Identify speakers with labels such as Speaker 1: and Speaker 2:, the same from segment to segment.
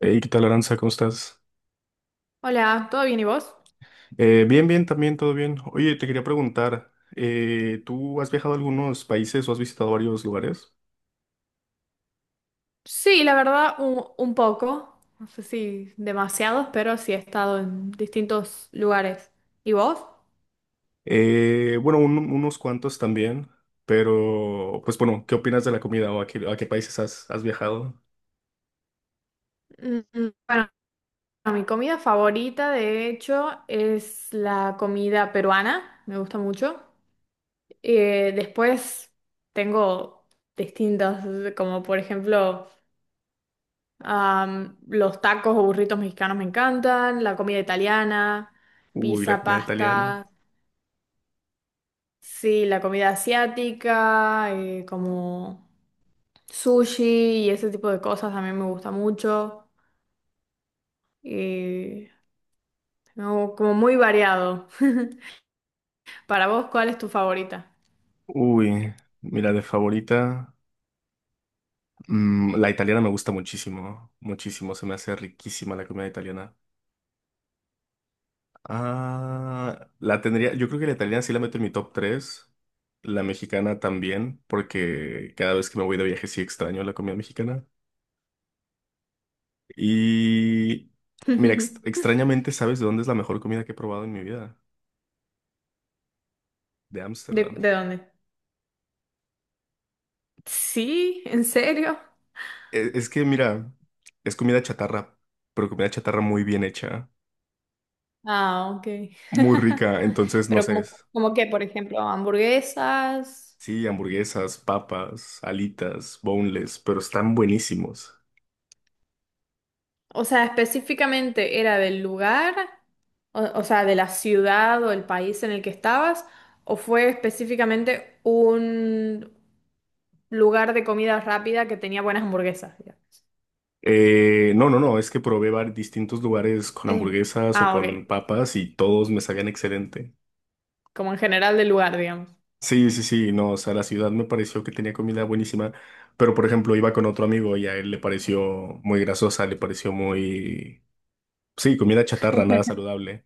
Speaker 1: Hey, ¿qué tal, Aranza? ¿Cómo estás?
Speaker 2: Hola, ¿todo bien y vos?
Speaker 1: Bien, bien, también, todo bien. Oye, te quería preguntar, ¿tú has viajado a algunos países o has visitado varios lugares?
Speaker 2: Sí, la verdad, un poco. No sé si demasiados, pero sí he estado en distintos lugares. ¿Y vos?
Speaker 1: Bueno, unos cuantos también, pero, pues bueno, ¿qué opinas de la comida o a qué países has viajado?
Speaker 2: Mm, Bueno, mi comida favorita, de hecho, es la comida peruana. Me gusta mucho. Después tengo distintas, como por ejemplo, los tacos o burritos mexicanos me encantan, la comida italiana,
Speaker 1: Uy, la
Speaker 2: pizza,
Speaker 1: comida italiana.
Speaker 2: pasta. Sí, la comida asiática, como sushi y ese tipo de cosas también me gusta mucho. Y no, como muy variado. Para vos, ¿cuál es tu favorita?
Speaker 1: Uy, mira, de favorita, la italiana me gusta muchísimo, muchísimo, se me hace riquísima la comida italiana. Ah, la tendría, yo creo que la italiana sí la meto en mi top tres, la mexicana también, porque cada vez que me voy de viaje sí extraño la comida mexicana. Y mira,
Speaker 2: ¿De,
Speaker 1: extrañamente, ¿sabes de dónde es la mejor comida que he probado en mi vida? De
Speaker 2: de
Speaker 1: Ámsterdam.
Speaker 2: dónde? Sí, ¿en serio?
Speaker 1: Es, que, mira, es comida chatarra, pero comida chatarra muy bien hecha,
Speaker 2: Ah, ok.
Speaker 1: muy rica, entonces no
Speaker 2: Pero
Speaker 1: sé.
Speaker 2: como, como qué, por ejemplo, hamburguesas.
Speaker 1: Sí, hamburguesas, papas, alitas, boneless, pero están buenísimos.
Speaker 2: O sea, específicamente era del lugar, o sea, de la ciudad o el país en el que estabas, o fue específicamente un lugar de comida rápida que tenía buenas hamburguesas, digamos.
Speaker 1: No, es que probé distintos lugares con
Speaker 2: En-
Speaker 1: hamburguesas o
Speaker 2: Ah,
Speaker 1: con
Speaker 2: ok.
Speaker 1: papas y todos me sabían excelente.
Speaker 2: Como en general del lugar, digamos.
Speaker 1: Sí, sí, sí, no, o sea, la ciudad me pareció que tenía comida buenísima, pero por ejemplo iba con otro amigo y a él le pareció muy grasosa, le pareció muy… Sí, comida chatarra, nada saludable.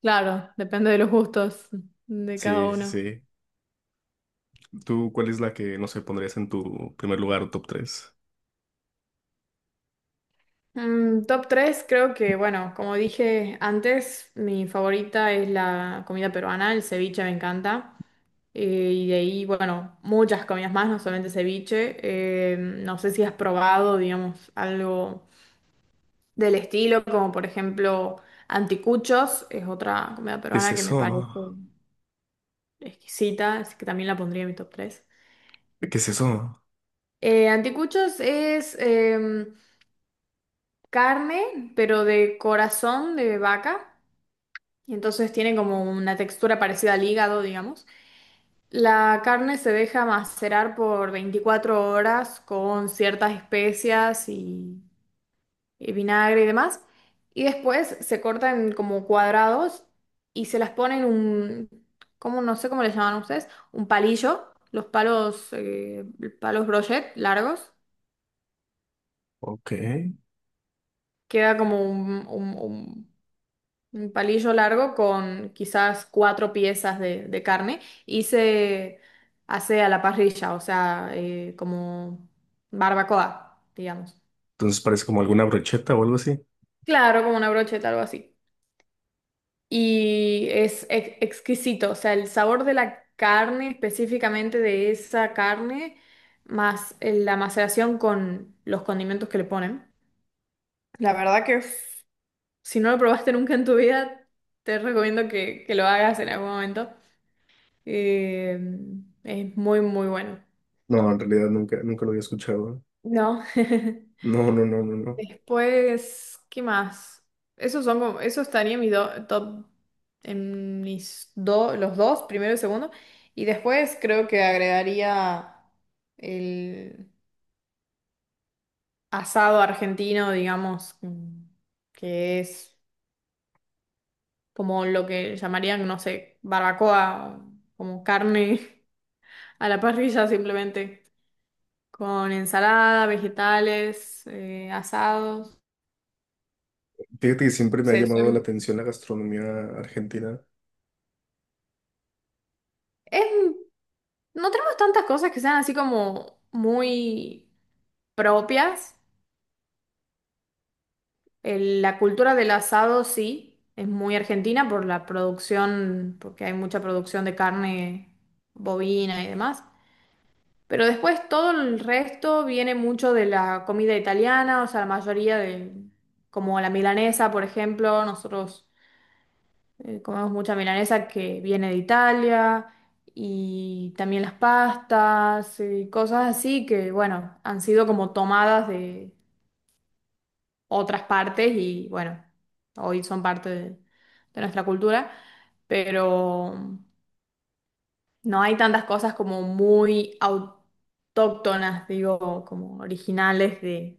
Speaker 2: Claro, depende de los gustos de cada
Speaker 1: Sí, sí,
Speaker 2: uno.
Speaker 1: sí. ¿Tú cuál es la que, no sé, pondrías en tu primer lugar o top tres?
Speaker 2: Top 3, creo que, bueno, como dije antes, mi favorita es la comida peruana, el ceviche me encanta. Y de ahí, bueno, muchas comidas más, no solamente ceviche. No sé si has probado, digamos, algo del estilo, como por ejemplo anticuchos, es otra comida
Speaker 1: ¿Qué es
Speaker 2: peruana que me
Speaker 1: eso?
Speaker 2: parece exquisita, así que también la pondría en mi top tres.
Speaker 1: ¿Qué es eso?
Speaker 2: Anticuchos es carne, pero de corazón de vaca, y entonces tiene como una textura parecida al hígado, digamos. La carne se deja macerar por 24 horas con ciertas especias y vinagre y demás. Y después se cortan como cuadrados y se las ponen. ¿Cómo? No sé cómo les llaman ustedes, un palillo, los palos, palos brochet largos.
Speaker 1: Ok. Entonces
Speaker 2: Queda como un palillo largo con quizás cuatro piezas de carne y se hace a la parrilla, o sea, como barbacoa, digamos.
Speaker 1: parece como alguna brocheta o algo así.
Speaker 2: Claro, como una brocheta, algo así. Y es exquisito, o sea, el sabor de la carne, específicamente de esa carne, más la maceración con los condimentos que le ponen. La verdad que si no lo probaste nunca en tu vida, te recomiendo que lo hagas en algún momento. Eh, es muy, muy bueno.
Speaker 1: No, en realidad nunca, nunca lo había escuchado.
Speaker 2: No.
Speaker 1: No, no, no, no, no.
Speaker 2: Después, ¿qué más? Esos son como, eso estaría en mi top, en mis dos, los dos, primero y segundo. Y después creo que agregaría el asado argentino, digamos, que es como lo que llamarían, no sé, barbacoa, como carne a la parrilla simplemente, con ensalada, vegetales, asados.
Speaker 1: Fíjate que
Speaker 2: O
Speaker 1: siempre me ha
Speaker 2: sea,
Speaker 1: llamado la atención la gastronomía argentina.
Speaker 2: es- no tenemos tantas cosas que sean así como muy propias. La cultura del asado sí, es muy argentina por la producción, porque hay mucha producción de carne bovina y demás. Pero después todo el resto viene mucho de la comida italiana, o sea, la mayoría de, como la milanesa, por ejemplo, nosotros... Comemos mucha milanesa que viene de Italia y también las pastas y cosas así que, bueno, han sido como tomadas de otras partes y, bueno, hoy son parte de, nuestra cultura, pero no hay tantas cosas como muy autóctonas, digo, como originales de...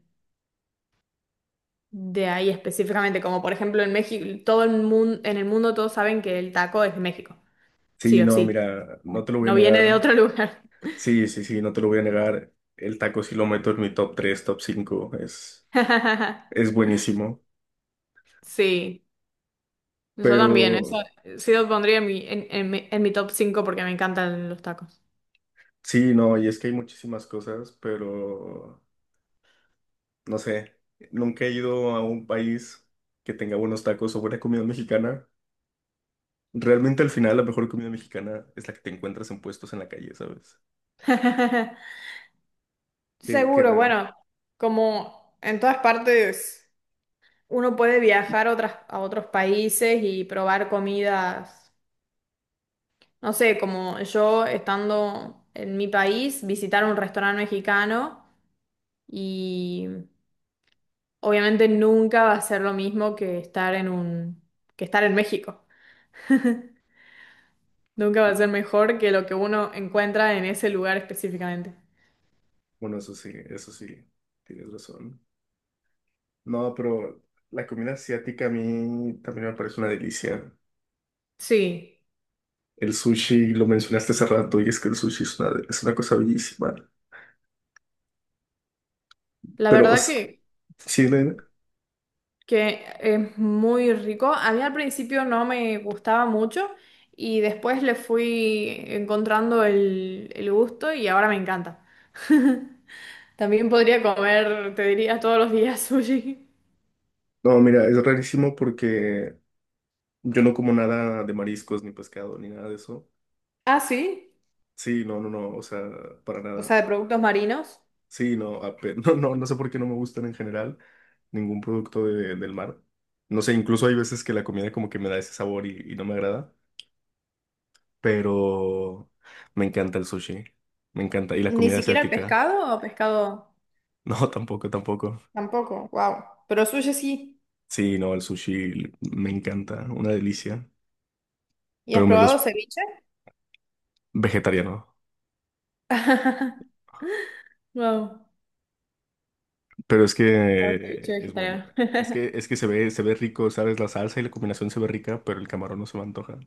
Speaker 2: De ahí específicamente, como por ejemplo en México, todo el mundo, en el mundo todos saben que el taco es de México. Sí
Speaker 1: Sí,
Speaker 2: o
Speaker 1: no,
Speaker 2: sí.
Speaker 1: mira, no
Speaker 2: ¿No?
Speaker 1: te lo voy a
Speaker 2: No viene de
Speaker 1: negar.
Speaker 2: otro lugar.
Speaker 1: Sí, sí, sí, no te lo voy a negar. El taco sí lo meto en mi top tres, top cinco. Es buenísimo.
Speaker 2: Sí, yo
Speaker 1: Pero
Speaker 2: también. Eso sí lo pondría en mi top cinco porque me encantan los tacos.
Speaker 1: sí, no, y es que hay muchísimas cosas, pero no sé. Nunca he ido a un país que tenga buenos tacos o buena comida mexicana. Realmente al final la mejor comida mexicana es la que te encuentras en puestos en la calle, ¿sabes? Que, que
Speaker 2: Seguro,
Speaker 1: re-
Speaker 2: bueno, como en todas partes uno puede viajar a, otros países y probar comidas. No sé, como yo estando en mi país, visitar un restaurante mexicano y, obviamente, nunca va a ser lo mismo que estar en un, que estar en México. Nunca va a ser mejor que lo que uno encuentra en ese lugar específicamente.
Speaker 1: Bueno, eso sí, tienes razón. No, pero la comida asiática a mí también me parece una delicia.
Speaker 2: Sí,
Speaker 1: El sushi, lo mencionaste hace rato, y es que el sushi es una cosa bellísima.
Speaker 2: la
Speaker 1: Pero, o
Speaker 2: verdad
Speaker 1: sea,
Speaker 2: que,
Speaker 1: sí,
Speaker 2: que es muy rico. A mí al principio no me gustaba mucho y después le fui encontrando el gusto y ahora me encanta. También podría comer, te diría, todos los días sushi.
Speaker 1: no, mira, es rarísimo porque yo no como nada de mariscos, ni pescado, ni nada de eso.
Speaker 2: Ah, sí,
Speaker 1: Sí, no, no, no, o sea, para
Speaker 2: o
Speaker 1: nada.
Speaker 2: sea, de productos marinos.
Speaker 1: Sí, no, no, no, no sé por qué no me gustan en general ningún producto del mar. No sé, incluso hay veces que la comida como que me da ese sabor y no me agrada. Pero me encanta el sushi. Me encanta. Y la
Speaker 2: ¿Ni
Speaker 1: comida
Speaker 2: siquiera el
Speaker 1: asiática.
Speaker 2: pescado o pescado?
Speaker 1: No, tampoco, tampoco.
Speaker 2: Tampoco, wow. Pero sushi sí.
Speaker 1: Sí, no, el sushi me encanta, una delicia,
Speaker 2: ¿Y has
Speaker 1: pero me
Speaker 2: probado
Speaker 1: los
Speaker 2: ceviche?
Speaker 1: vegetariano.
Speaker 2: Wow,
Speaker 1: Pero es
Speaker 2: ceviche
Speaker 1: que es bueno.
Speaker 2: vegetariano.
Speaker 1: Es que se ve rico, ¿sabes? La salsa y la combinación se ve rica, pero el camarón no se me antoja.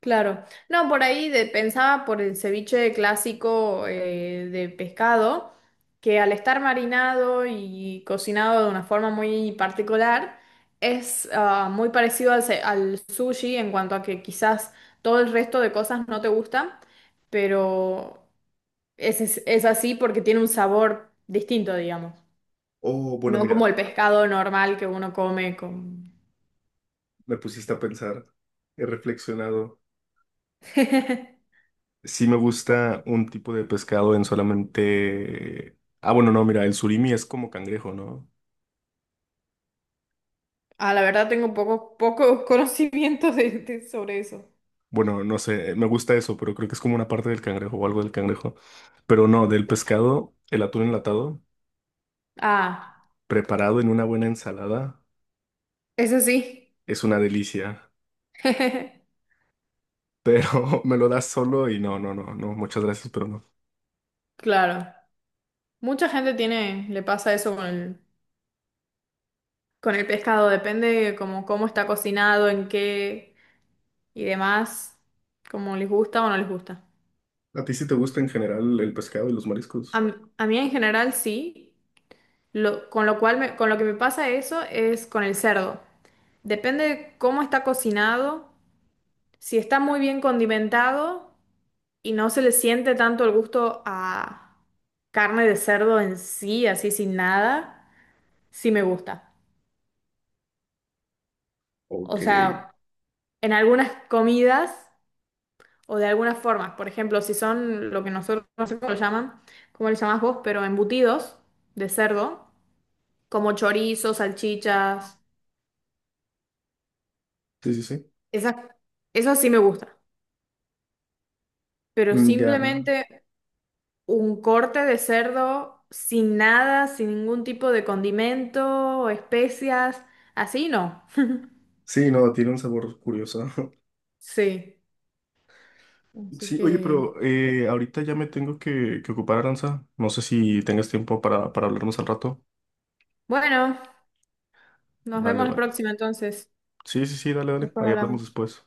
Speaker 2: Claro. No, por ahí pensaba por el ceviche clásico, de pescado, que al estar marinado y cocinado de una forma muy particular, es, muy parecido al sushi en cuanto a que quizás todo el resto de cosas no te gustan, pero es así porque tiene un sabor distinto, digamos.
Speaker 1: Oh, bueno,
Speaker 2: No como
Speaker 1: mira,
Speaker 2: el pescado normal que uno come con...
Speaker 1: me pusiste a pensar. He reflexionado. Sí me gusta un tipo de pescado en solamente… Ah, bueno, no, mira, el surimi es como cangrejo, ¿no?
Speaker 2: Ah, la verdad tengo poco, poco conocimiento sobre eso.
Speaker 1: Bueno, no sé, me gusta eso, pero creo que es como una parte del cangrejo o algo del cangrejo. Pero no, del pescado, el atún enlatado,
Speaker 2: Ah,
Speaker 1: preparado en una buena ensalada,
Speaker 2: eso sí.
Speaker 1: es una delicia. Pero me lo das solo y no, no, no, no, muchas gracias, pero no.
Speaker 2: Claro. Mucha gente tiene, le pasa eso con el, pescado. Depende como cómo está cocinado, en qué y demás. Como les gusta o no les gusta.
Speaker 1: ¿A ti sí te gusta en general el pescado y los
Speaker 2: A,
Speaker 1: mariscos?
Speaker 2: m- a mí en general sí. Con lo cual con lo que me pasa eso es con el cerdo. Depende de cómo está cocinado. Si está muy bien condimentado y no se le siente tanto el gusto a carne de cerdo en sí, así sin nada, sí me gusta.
Speaker 1: Ok.
Speaker 2: O
Speaker 1: Sí,
Speaker 2: sea, en algunas comidas o de algunas formas, por ejemplo, si son lo que nosotros, no sé cómo lo llaman, cómo le llamás vos, pero embutidos de cerdo, como chorizo, salchichas,
Speaker 1: sí, sí.
Speaker 2: esas, eso sí me gusta. Pero
Speaker 1: Mm, ya.
Speaker 2: simplemente un corte de cerdo sin nada, sin ningún tipo de condimento o especias, así no.
Speaker 1: Sí, no, tiene un sabor curioso.
Speaker 2: Sí, así
Speaker 1: Sí, oye,
Speaker 2: que
Speaker 1: pero ahorita ya me tengo que ocupar, Aranza. No sé si tengas tiempo para hablarnos al rato.
Speaker 2: bueno, nos
Speaker 1: Vale,
Speaker 2: vemos la
Speaker 1: vale.
Speaker 2: próxima entonces.
Speaker 1: Sí, sí, sí, dale, dale.
Speaker 2: Después
Speaker 1: Ahí hablamos
Speaker 2: hablamos.
Speaker 1: después.